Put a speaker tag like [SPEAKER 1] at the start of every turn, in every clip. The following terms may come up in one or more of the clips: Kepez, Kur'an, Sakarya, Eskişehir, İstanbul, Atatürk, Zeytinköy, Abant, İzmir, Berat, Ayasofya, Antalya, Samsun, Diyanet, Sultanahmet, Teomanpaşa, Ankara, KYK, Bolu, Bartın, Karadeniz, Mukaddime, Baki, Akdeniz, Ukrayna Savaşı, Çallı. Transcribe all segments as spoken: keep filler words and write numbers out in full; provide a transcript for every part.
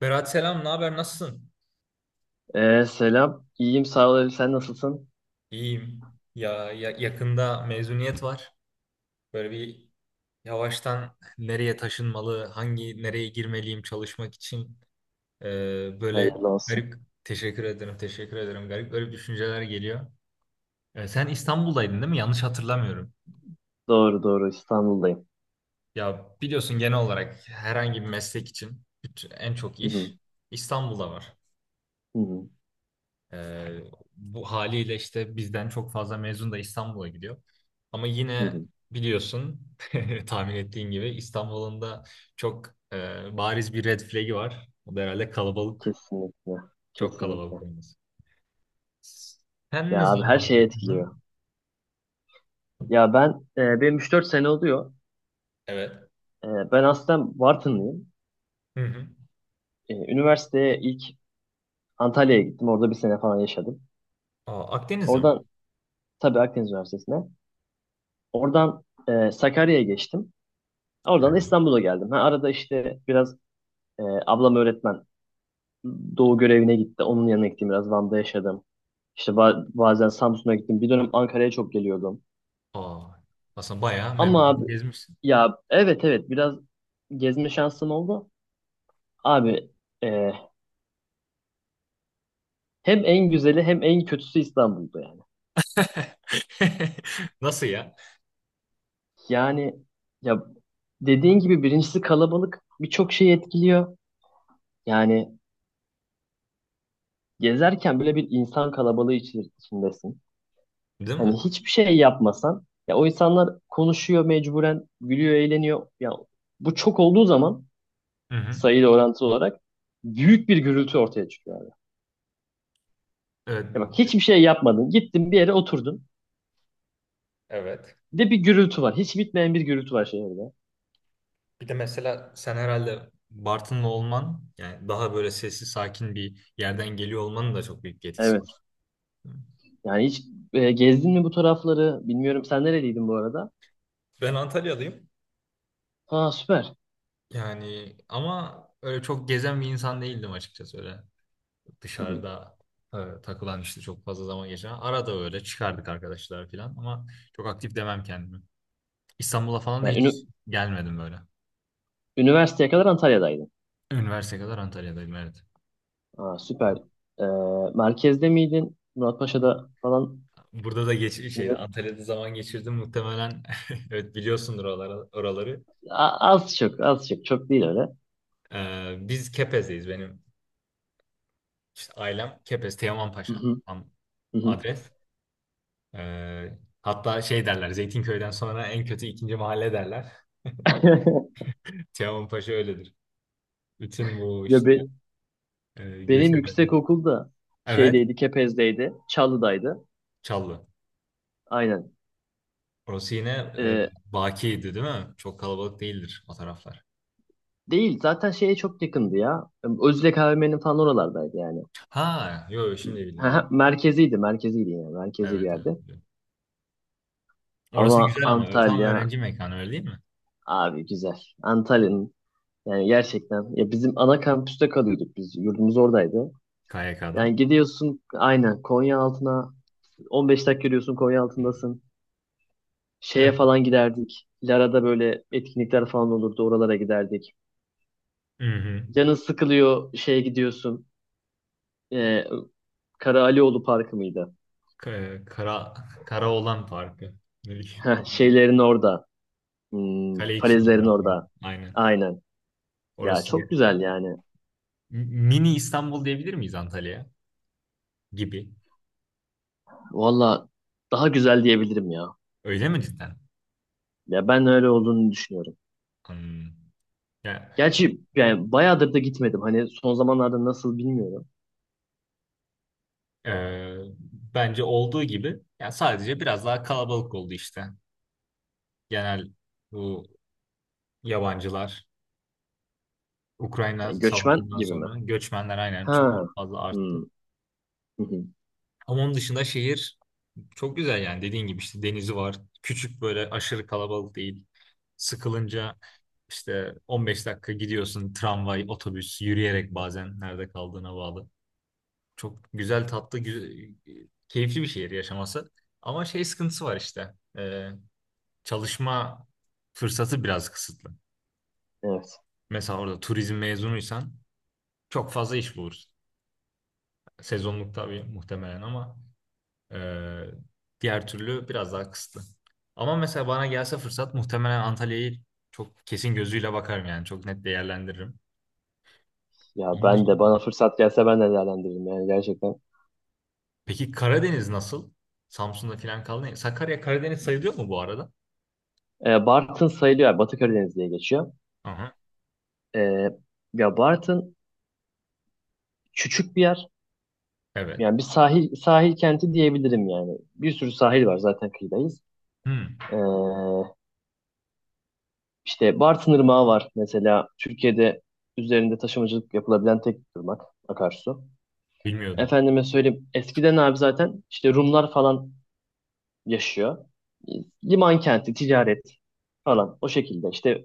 [SPEAKER 1] Berat selam, ne haber? Nasılsın?
[SPEAKER 2] Ee, selam. İyiyim sağ ol. Elif. Sen nasılsın?
[SPEAKER 1] İyiyim. Ya, ya- yakında mezuniyet var. Böyle bir yavaştan nereye taşınmalı, hangi nereye girmeliyim çalışmak için. Ee, böyle
[SPEAKER 2] Hayırlı olsun.
[SPEAKER 1] garip, teşekkür ederim, teşekkür ederim. Garip garip düşünceler geliyor. Ee, sen İstanbul'daydın değil mi? Yanlış hatırlamıyorum.
[SPEAKER 2] Doğru doğru İstanbul'dayım.
[SPEAKER 1] Ya biliyorsun genel olarak herhangi bir meslek için bütün- en çok
[SPEAKER 2] Hı hı,
[SPEAKER 1] iş İstanbul'da var.
[SPEAKER 2] hı hı,
[SPEAKER 1] Ee, Bu haliyle işte bizden çok fazla mezun da İstanbul'a gidiyor. Ama
[SPEAKER 2] hı
[SPEAKER 1] yine
[SPEAKER 2] hı.
[SPEAKER 1] biliyorsun, tahmin ettiğin gibi İstanbul'un da çok e, bariz bir red flag'i var. O da herhalde kalabalık.
[SPEAKER 2] Kesinlikle.
[SPEAKER 1] Çok
[SPEAKER 2] Kesinlikle.
[SPEAKER 1] kalabalık olması. Sen
[SPEAKER 2] Ya
[SPEAKER 1] ne
[SPEAKER 2] abi her
[SPEAKER 1] zaman
[SPEAKER 2] şey etkiliyor.
[SPEAKER 1] takıldın?
[SPEAKER 2] Ya ben e, benim üç dört sene oluyor.
[SPEAKER 1] Evet.
[SPEAKER 2] E, ben aslen Bartınlıyım.
[SPEAKER 1] Hı hı.
[SPEAKER 2] E, üniversiteye ilk Antalya'ya gittim. Orada bir sene falan yaşadım.
[SPEAKER 1] Aa, Akdeniz'e mi?
[SPEAKER 2] Oradan tabii Akdeniz Üniversitesi'ne. Oradan e, Sakarya'ya geçtim. Oradan da İstanbul'a geldim. Ha, arada işte biraz e, ablam öğretmen. Doğu görevine gitti. Onun yanına gittim. Biraz Van'da yaşadım. İşte ba- bazen Samsun'a gittim. Bir dönem Ankara'ya çok geliyordum.
[SPEAKER 1] Aa, aslında bayağı
[SPEAKER 2] Ama
[SPEAKER 1] memleketi
[SPEAKER 2] abi
[SPEAKER 1] gezmişsin.
[SPEAKER 2] ya evet evet biraz gezme şansım oldu. Abi e, hem en güzeli hem en kötüsü İstanbul'da yani.
[SPEAKER 1] Nasıl ya?
[SPEAKER 2] Yani ya dediğin gibi birincisi kalabalık birçok şeyi etkiliyor. Yani gezerken bile bir insan kalabalığı içi- içindesin.
[SPEAKER 1] Değil mi?
[SPEAKER 2] Hani hiçbir şey yapmasan ya o insanlar konuşuyor mecburen, gülüyor, eğleniyor. Ya bu çok olduğu zaman
[SPEAKER 1] Hı hı.
[SPEAKER 2] sayıyla orantılı olarak büyük bir gürültü ortaya çıkıyor abi.
[SPEAKER 1] Evet.
[SPEAKER 2] Ya bak hiçbir şey yapmadın. Gittin bir yere oturdun.
[SPEAKER 1] Evet.
[SPEAKER 2] Bir de bir gürültü var. Hiç bitmeyen bir gürültü var şehirde.
[SPEAKER 1] Bir de mesela sen herhalde Bartınlı olman, yani daha böyle sessiz sakin bir yerden geliyor olmanın da çok büyük bir etkisi
[SPEAKER 2] Evet.
[SPEAKER 1] var.
[SPEAKER 2] Yani hiç e, gezdin mi bu tarafları? Bilmiyorum sen nereliydin bu arada?
[SPEAKER 1] Ben Antalyalıyım.
[SPEAKER 2] Ha süper.
[SPEAKER 1] Yani ama öyle çok gezen bir insan değildim açıkçası, öyle
[SPEAKER 2] Hı hı.
[SPEAKER 1] dışarıda e, takılan, işte çok fazla zaman geçiren. Arada öyle çıkardık arkadaşlar falan ama çok aktif demem kendimi. İstanbul'a falan da
[SPEAKER 2] Yani
[SPEAKER 1] hiç
[SPEAKER 2] ünü-
[SPEAKER 1] gelmedim böyle.
[SPEAKER 2] üniversiteye kadar Antalya'daydın.
[SPEAKER 1] Üniversite kadar Antalya'daydım, evet.
[SPEAKER 2] Ha süper. E, Merkezde miydin? Muratpaşa'da falan
[SPEAKER 1] Burada da geç şeydi,
[SPEAKER 2] mıydın?
[SPEAKER 1] Antalya'da zaman geçirdim muhtemelen. Evet, biliyorsundur oraları, oraları.
[SPEAKER 2] A- az çok, az çok. Çok değil öyle.
[SPEAKER 1] Ee, biz Kepez'deyiz. Benim işte ailem Kepez,
[SPEAKER 2] Hı
[SPEAKER 1] Teomanpaşa
[SPEAKER 2] hı,
[SPEAKER 1] Am-
[SPEAKER 2] hı hı.
[SPEAKER 1] adres. Ee, hatta şey derler, Zeytinköy'den sonra en kötü ikinci mahalle derler. Teomanpaşa öyledir. Bütün bu
[SPEAKER 2] Ya
[SPEAKER 1] işte
[SPEAKER 2] be-
[SPEAKER 1] e,
[SPEAKER 2] benim yüksek
[SPEAKER 1] göçebelerin.
[SPEAKER 2] okulda
[SPEAKER 1] Evet,
[SPEAKER 2] şeydeydi, Kepez'deydi, Çalı'daydı.
[SPEAKER 1] Çallı.
[SPEAKER 2] Aynen.
[SPEAKER 1] Orası yine e,
[SPEAKER 2] Ee,
[SPEAKER 1] Baki'ydi değil mi? Çok kalabalık değildir o taraflar.
[SPEAKER 2] Değil zaten şeye çok yakındı ya. Özlek A V M'nin falan oralardaydı yani.
[SPEAKER 1] Ha, yok, şimdi bildim. Evet,
[SPEAKER 2] Merkeziydi, merkeziydi yani. Merkezi bir
[SPEAKER 1] evet, evet,
[SPEAKER 2] yerde.
[SPEAKER 1] biliyorum.
[SPEAKER 2] Ama
[SPEAKER 1] Orası güzel ama tam
[SPEAKER 2] Antalya
[SPEAKER 1] öğrenci mekanı öyle değil mi?
[SPEAKER 2] abi güzel. Antalya'nın yani gerçekten ya bizim ana kampüste kalıyorduk biz. Yurdumuz oradaydı.
[SPEAKER 1] K Y K'da.
[SPEAKER 2] Yani gidiyorsun aynen Konya altına on beş dakika yürüyorsun Konya altındasın. Şeye
[SPEAKER 1] Evet.
[SPEAKER 2] falan giderdik. Lara'da böyle etkinlikler falan olurdu. Oralara giderdik.
[SPEAKER 1] Hı hı.
[SPEAKER 2] Canın sıkılıyor şeye gidiyorsun. Ee, Kara Alioğlu Parkı mıydı?
[SPEAKER 1] Ka- Kara, kara olan parkı. Ne bileyim,
[SPEAKER 2] Heh, şeylerin orada. Hmm,
[SPEAKER 1] Kale için
[SPEAKER 2] falezlerin
[SPEAKER 1] tarafı.
[SPEAKER 2] orada.
[SPEAKER 1] Aynen.
[SPEAKER 2] Aynen. Ya
[SPEAKER 1] Orası ya.
[SPEAKER 2] çok güzel yani.
[SPEAKER 1] M- Mini İstanbul diyebilir miyiz Antalya'ya? Gibi.
[SPEAKER 2] Valla daha güzel diyebilirim ya.
[SPEAKER 1] Öyle mi cidden?
[SPEAKER 2] Ya ben öyle olduğunu düşünüyorum.
[SPEAKER 1] Hmm. Ya,
[SPEAKER 2] Gerçi yani bayağıdır da gitmedim. Hani son zamanlarda nasıl bilmiyorum.
[SPEAKER 1] e, bence olduğu gibi ya, sadece biraz daha kalabalık oldu işte. Genel, bu yabancılar, Ukrayna
[SPEAKER 2] Yani göçmen
[SPEAKER 1] Savaşı'ndan
[SPEAKER 2] gibi mi?
[SPEAKER 1] sonra göçmenler aynen çok
[SPEAKER 2] Ha.
[SPEAKER 1] fazla arttı.
[SPEAKER 2] Hmm. Hı hı.
[SPEAKER 1] Ama onun dışında şehir çok güzel yani, dediğin gibi işte denizi var. Küçük, böyle aşırı kalabalık değil. Sıkılınca işte on beş dakika gidiyorsun tramvay, otobüs, yürüyerek, bazen nerede kaldığına bağlı. Çok güzel, tatlı, güzel, keyifli bir şehir yaşaması. Ama şey sıkıntısı var işte. Ee, çalışma fırsatı biraz kısıtlı.
[SPEAKER 2] Evet.
[SPEAKER 1] Mesela orada turizm mezunuysan çok fazla iş bulursun. Sezonluk tabii muhtemelen ama Ee, diğer türlü biraz daha kısıtlı. Ama mesela bana gelse fırsat, muhtemelen Antalya'yı çok kesin gözüyle bakarım yani, çok net değerlendiririm.
[SPEAKER 2] Ya
[SPEAKER 1] Onun
[SPEAKER 2] ben de
[SPEAKER 1] dışında.
[SPEAKER 2] bana fırsat gelse ben de değerlendiririm yani gerçekten.
[SPEAKER 1] Peki Karadeniz nasıl? Samsun'da falan kaldı. Sakarya Karadeniz sayılıyor mu bu arada?
[SPEAKER 2] Ee, Bartın sayılıyor. Yani Batı Karadeniz diye geçiyor.
[SPEAKER 1] Aha,
[SPEAKER 2] Ee, Ya Bartın küçük bir yer.
[SPEAKER 1] evet.
[SPEAKER 2] Yani bir sahil sahil kenti diyebilirim yani. Bir sürü sahil var zaten kıyıdayız.
[SPEAKER 1] Hmm,
[SPEAKER 2] Ee, işte Bartın Irmağı var mesela Türkiye'de üzerinde taşımacılık yapılabilen tek ırmak akarsu.
[SPEAKER 1] bilmiyordum.
[SPEAKER 2] Efendime söyleyeyim eskiden abi zaten işte Rumlar falan yaşıyor. Liman kenti, ticaret falan o şekilde. İşte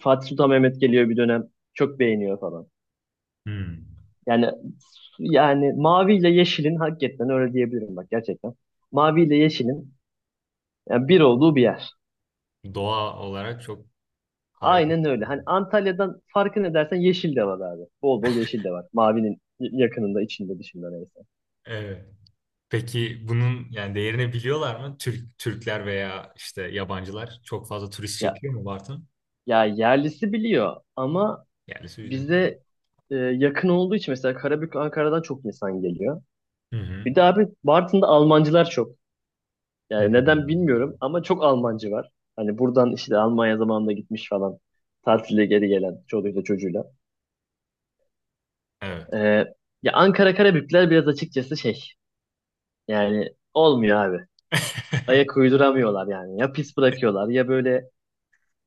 [SPEAKER 2] Fatih Sultan Mehmet geliyor bir dönem çok beğeniyor falan.
[SPEAKER 1] Hmm.
[SPEAKER 2] Yani yani mavi ile yeşilin hakikaten öyle diyebilirim bak gerçekten. Mavi ile yeşilin yani bir olduğu bir yer.
[SPEAKER 1] Doğa olarak çok harika.
[SPEAKER 2] Aynen öyle. Hani Antalya'dan farkı ne dersen yeşil de var abi. Bol bol yeşil de var. Mavinin yakınında, içinde, dışında neyse.
[SPEAKER 1] Evet. Peki bunun yani değerini biliyorlar mı? Türk Türkler veya işte yabancılar çok fazla turist
[SPEAKER 2] Ya,
[SPEAKER 1] çekiyor mu Bartın?
[SPEAKER 2] ya yerlisi biliyor ama
[SPEAKER 1] Yerlisi bir.
[SPEAKER 2] bize e, yakın olduğu için mesela Karabük, Ankara'dan çok insan geliyor.
[SPEAKER 1] Hı hı.
[SPEAKER 2] Bir de abi Bartın'da Almancılar çok.
[SPEAKER 1] Hı hı.
[SPEAKER 2] Yani neden bilmiyorum ama çok Almancı var. Hani buradan işte Almanya zamanında gitmiş falan. Tatile geri gelen çoluğuyla çocuğuyla.
[SPEAKER 1] Evet.
[SPEAKER 2] E, Ya Ankara Karabükler biraz açıkçası şey. Yani olmuyor abi. Ayak uyduramıyorlar yani. Ya pis bırakıyorlar ya böyle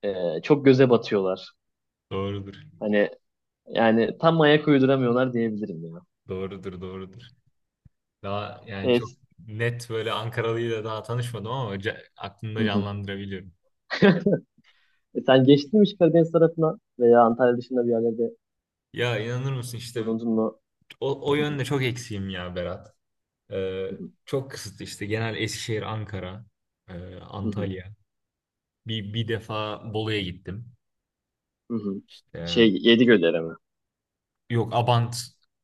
[SPEAKER 2] e, çok göze batıyorlar.
[SPEAKER 1] Doğrudur.
[SPEAKER 2] Hani yani tam ayak uyduramıyorlar diyebilirim ya.
[SPEAKER 1] Doğrudur, doğrudur. Daha yani çok
[SPEAKER 2] Evet.
[SPEAKER 1] net böyle Ankaralıyla daha tanışmadım ama ca-
[SPEAKER 2] Hı
[SPEAKER 1] aklımda
[SPEAKER 2] hı.
[SPEAKER 1] canlandırabiliyorum.
[SPEAKER 2] E sen geçtin mi hiç Karadeniz tarafına veya Antalya dışında bir yerlerde
[SPEAKER 1] Ya inanır mısın işte
[SPEAKER 2] bulundun mu?
[SPEAKER 1] o, o
[SPEAKER 2] Hı hı,
[SPEAKER 1] yönde çok eksiğim ya Berat. Ee,
[SPEAKER 2] hı hı,
[SPEAKER 1] Çok kısıtlı işte, genel Eskişehir, Ankara, e,
[SPEAKER 2] hı hı,
[SPEAKER 1] Antalya. Bir, bir defa Bolu'ya gittim.
[SPEAKER 2] hı hı.
[SPEAKER 1] Ee,
[SPEAKER 2] Şey Yedigöller'e mi?
[SPEAKER 1] Yok, Abant,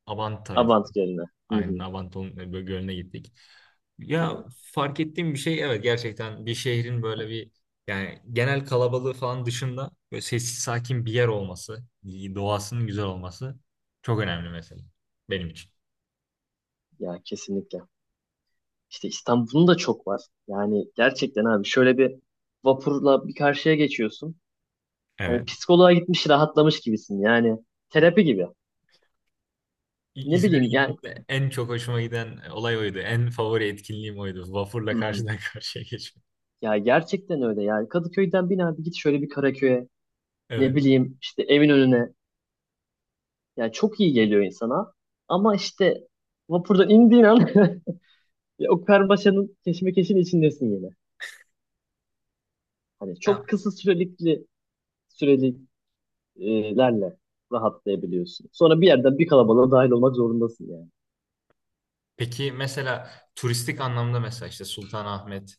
[SPEAKER 1] Abant.
[SPEAKER 2] Abant Gölü'ne. Hı
[SPEAKER 1] Aynen
[SPEAKER 2] hı,
[SPEAKER 1] Avanton e, böyle Gölü'ne gittik.
[SPEAKER 2] hı
[SPEAKER 1] Ya,
[SPEAKER 2] hı.
[SPEAKER 1] fark ettiğim bir şey, evet gerçekten bir şehrin böyle bir yani genel kalabalığı falan dışında böyle sessiz sakin bir yer olması, doğasının güzel olması çok önemli mesela benim için.
[SPEAKER 2] Ya kesinlikle. İşte İstanbul'un da çok var. Yani gerçekten abi şöyle bir vapurla bir karşıya geçiyorsun. Hani
[SPEAKER 1] Evet.
[SPEAKER 2] psikoloğa gitmiş rahatlamış gibisin. Yani terapi gibi.
[SPEAKER 1] İ-
[SPEAKER 2] Ne
[SPEAKER 1] İzmir'e
[SPEAKER 2] bileyim yani.
[SPEAKER 1] gittiğimde en çok hoşuma giden olay oydu. En favori etkinliğim oydu.
[SPEAKER 2] Hı
[SPEAKER 1] Vapurla
[SPEAKER 2] hı.
[SPEAKER 1] karşıdan karşıya geçmek.
[SPEAKER 2] Ya gerçekten öyle yani Kadıköy'den bin abi git şöyle bir Karaköy'e ne
[SPEAKER 1] Evet.
[SPEAKER 2] bileyim işte evin önüne yani çok iyi geliyor insana ama işte vapurdan indiğin an ya o karmaşanın keşmekeşin içindesin yine. Hani
[SPEAKER 1] Ha,
[SPEAKER 2] çok kısa sürelikli süreliklerle rahatlayabiliyorsun. Sonra bir yerden bir kalabalığa dahil olmak zorundasın yani.
[SPEAKER 1] peki mesela turistik anlamda, mesela işte Sultanahmet,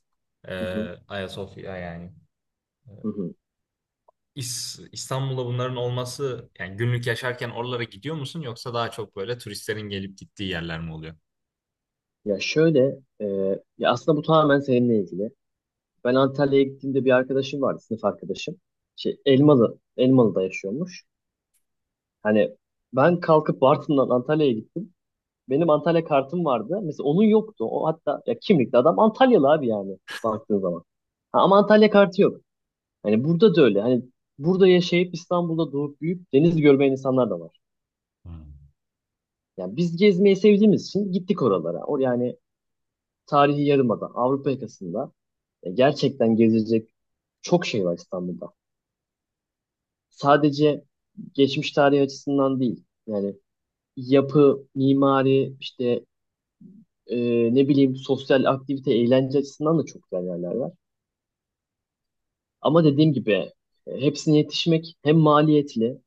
[SPEAKER 1] e,
[SPEAKER 2] Hı hı,
[SPEAKER 1] Ayasofya yani.
[SPEAKER 2] hı hı.
[SPEAKER 1] İs- İstanbul'da bunların olması yani, günlük yaşarken oralara gidiyor musun, yoksa daha çok böyle turistlerin gelip gittiği yerler mi oluyor?
[SPEAKER 2] Ya şöyle e, ya aslında bu tamamen seninle ilgili. Ben Antalya'ya gittiğimde bir arkadaşım vardı, sınıf arkadaşım. Şey, Elmalı, Elmalı'da yaşıyormuş. Hani ben kalkıp Bartın'dan Antalya'ya gittim. Benim Antalya kartım vardı. Mesela onun yoktu. O hatta ya kimlikli adam Antalyalı abi yani baktığın zaman. Ha, ama Antalya kartı yok. Hani burada da öyle. Hani burada yaşayıp İstanbul'da doğup büyüyüp deniz görmeyen insanlar da var.
[SPEAKER 1] Hmm.
[SPEAKER 2] Yani biz gezmeyi sevdiğimiz için gittik oralara. O yani tarihi yarımada, Avrupa yakasında e, gerçekten gezilecek çok şey var İstanbul'da. Sadece geçmiş tarihi açısından değil. Yani yapı, mimari, işte e, ne bileyim sosyal aktivite, eğlence açısından da çok güzel yerler var. Ama dediğim gibi e, hepsine yetişmek hem maliyetli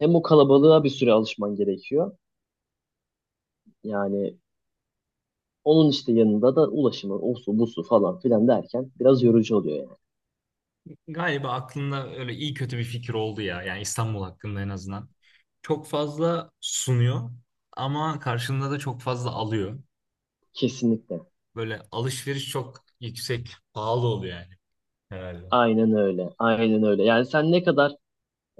[SPEAKER 2] hem o kalabalığa bir süre alışman gerekiyor. Yani onun işte yanında da ulaşımı, osu, busu falan filan derken biraz yorucu oluyor yani.
[SPEAKER 1] Galiba aklında öyle iyi kötü bir fikir oldu ya. Yani İstanbul hakkında en azından. Çok fazla sunuyor ama karşında da çok fazla alıyor.
[SPEAKER 2] Kesinlikle.
[SPEAKER 1] Böyle alışveriş çok yüksek, pahalı oluyor yani. Herhalde.
[SPEAKER 2] Aynen öyle. Aynen öyle. Yani sen ne kadar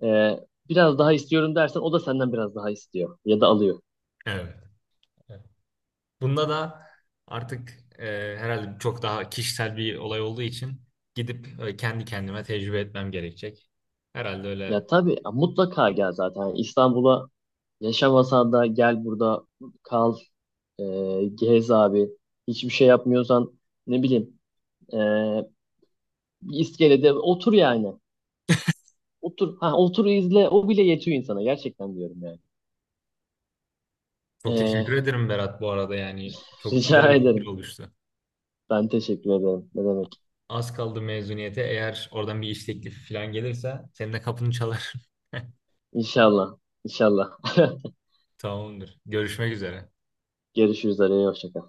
[SPEAKER 2] e, biraz daha istiyorum dersen o da senden biraz daha istiyor ya da alıyor.
[SPEAKER 1] Evet. Bunda da artık e, herhalde çok daha kişisel bir olay olduğu için gidip e, kendi kendime tecrübe etmem gerekecek. Herhalde
[SPEAKER 2] Ya
[SPEAKER 1] öyle.
[SPEAKER 2] tabii ya mutlaka gel zaten. Yani İstanbul'a yaşamasan da gel burada kal, e, gez abi. Hiçbir şey yapmıyorsan ne bileyim e, bir iskelede otur yani. Otur, ha, otur izle o bile yetiyor insana gerçekten diyorum yani.
[SPEAKER 1] Çok teşekkür
[SPEAKER 2] E,
[SPEAKER 1] ederim Berat, bu arada yani çok güzel
[SPEAKER 2] rica
[SPEAKER 1] bir fikir
[SPEAKER 2] ederim.
[SPEAKER 1] oluştu.
[SPEAKER 2] Ben teşekkür ederim. Ne demek?
[SPEAKER 1] Az kaldı mezuniyete. Eğer oradan bir iş teklifi falan gelirse senin de kapını çalar.
[SPEAKER 2] İnşallah. İnşallah.
[SPEAKER 1] Tamamdır. Görüşmek üzere.
[SPEAKER 2] Görüşürüz. Araya hoşça kal.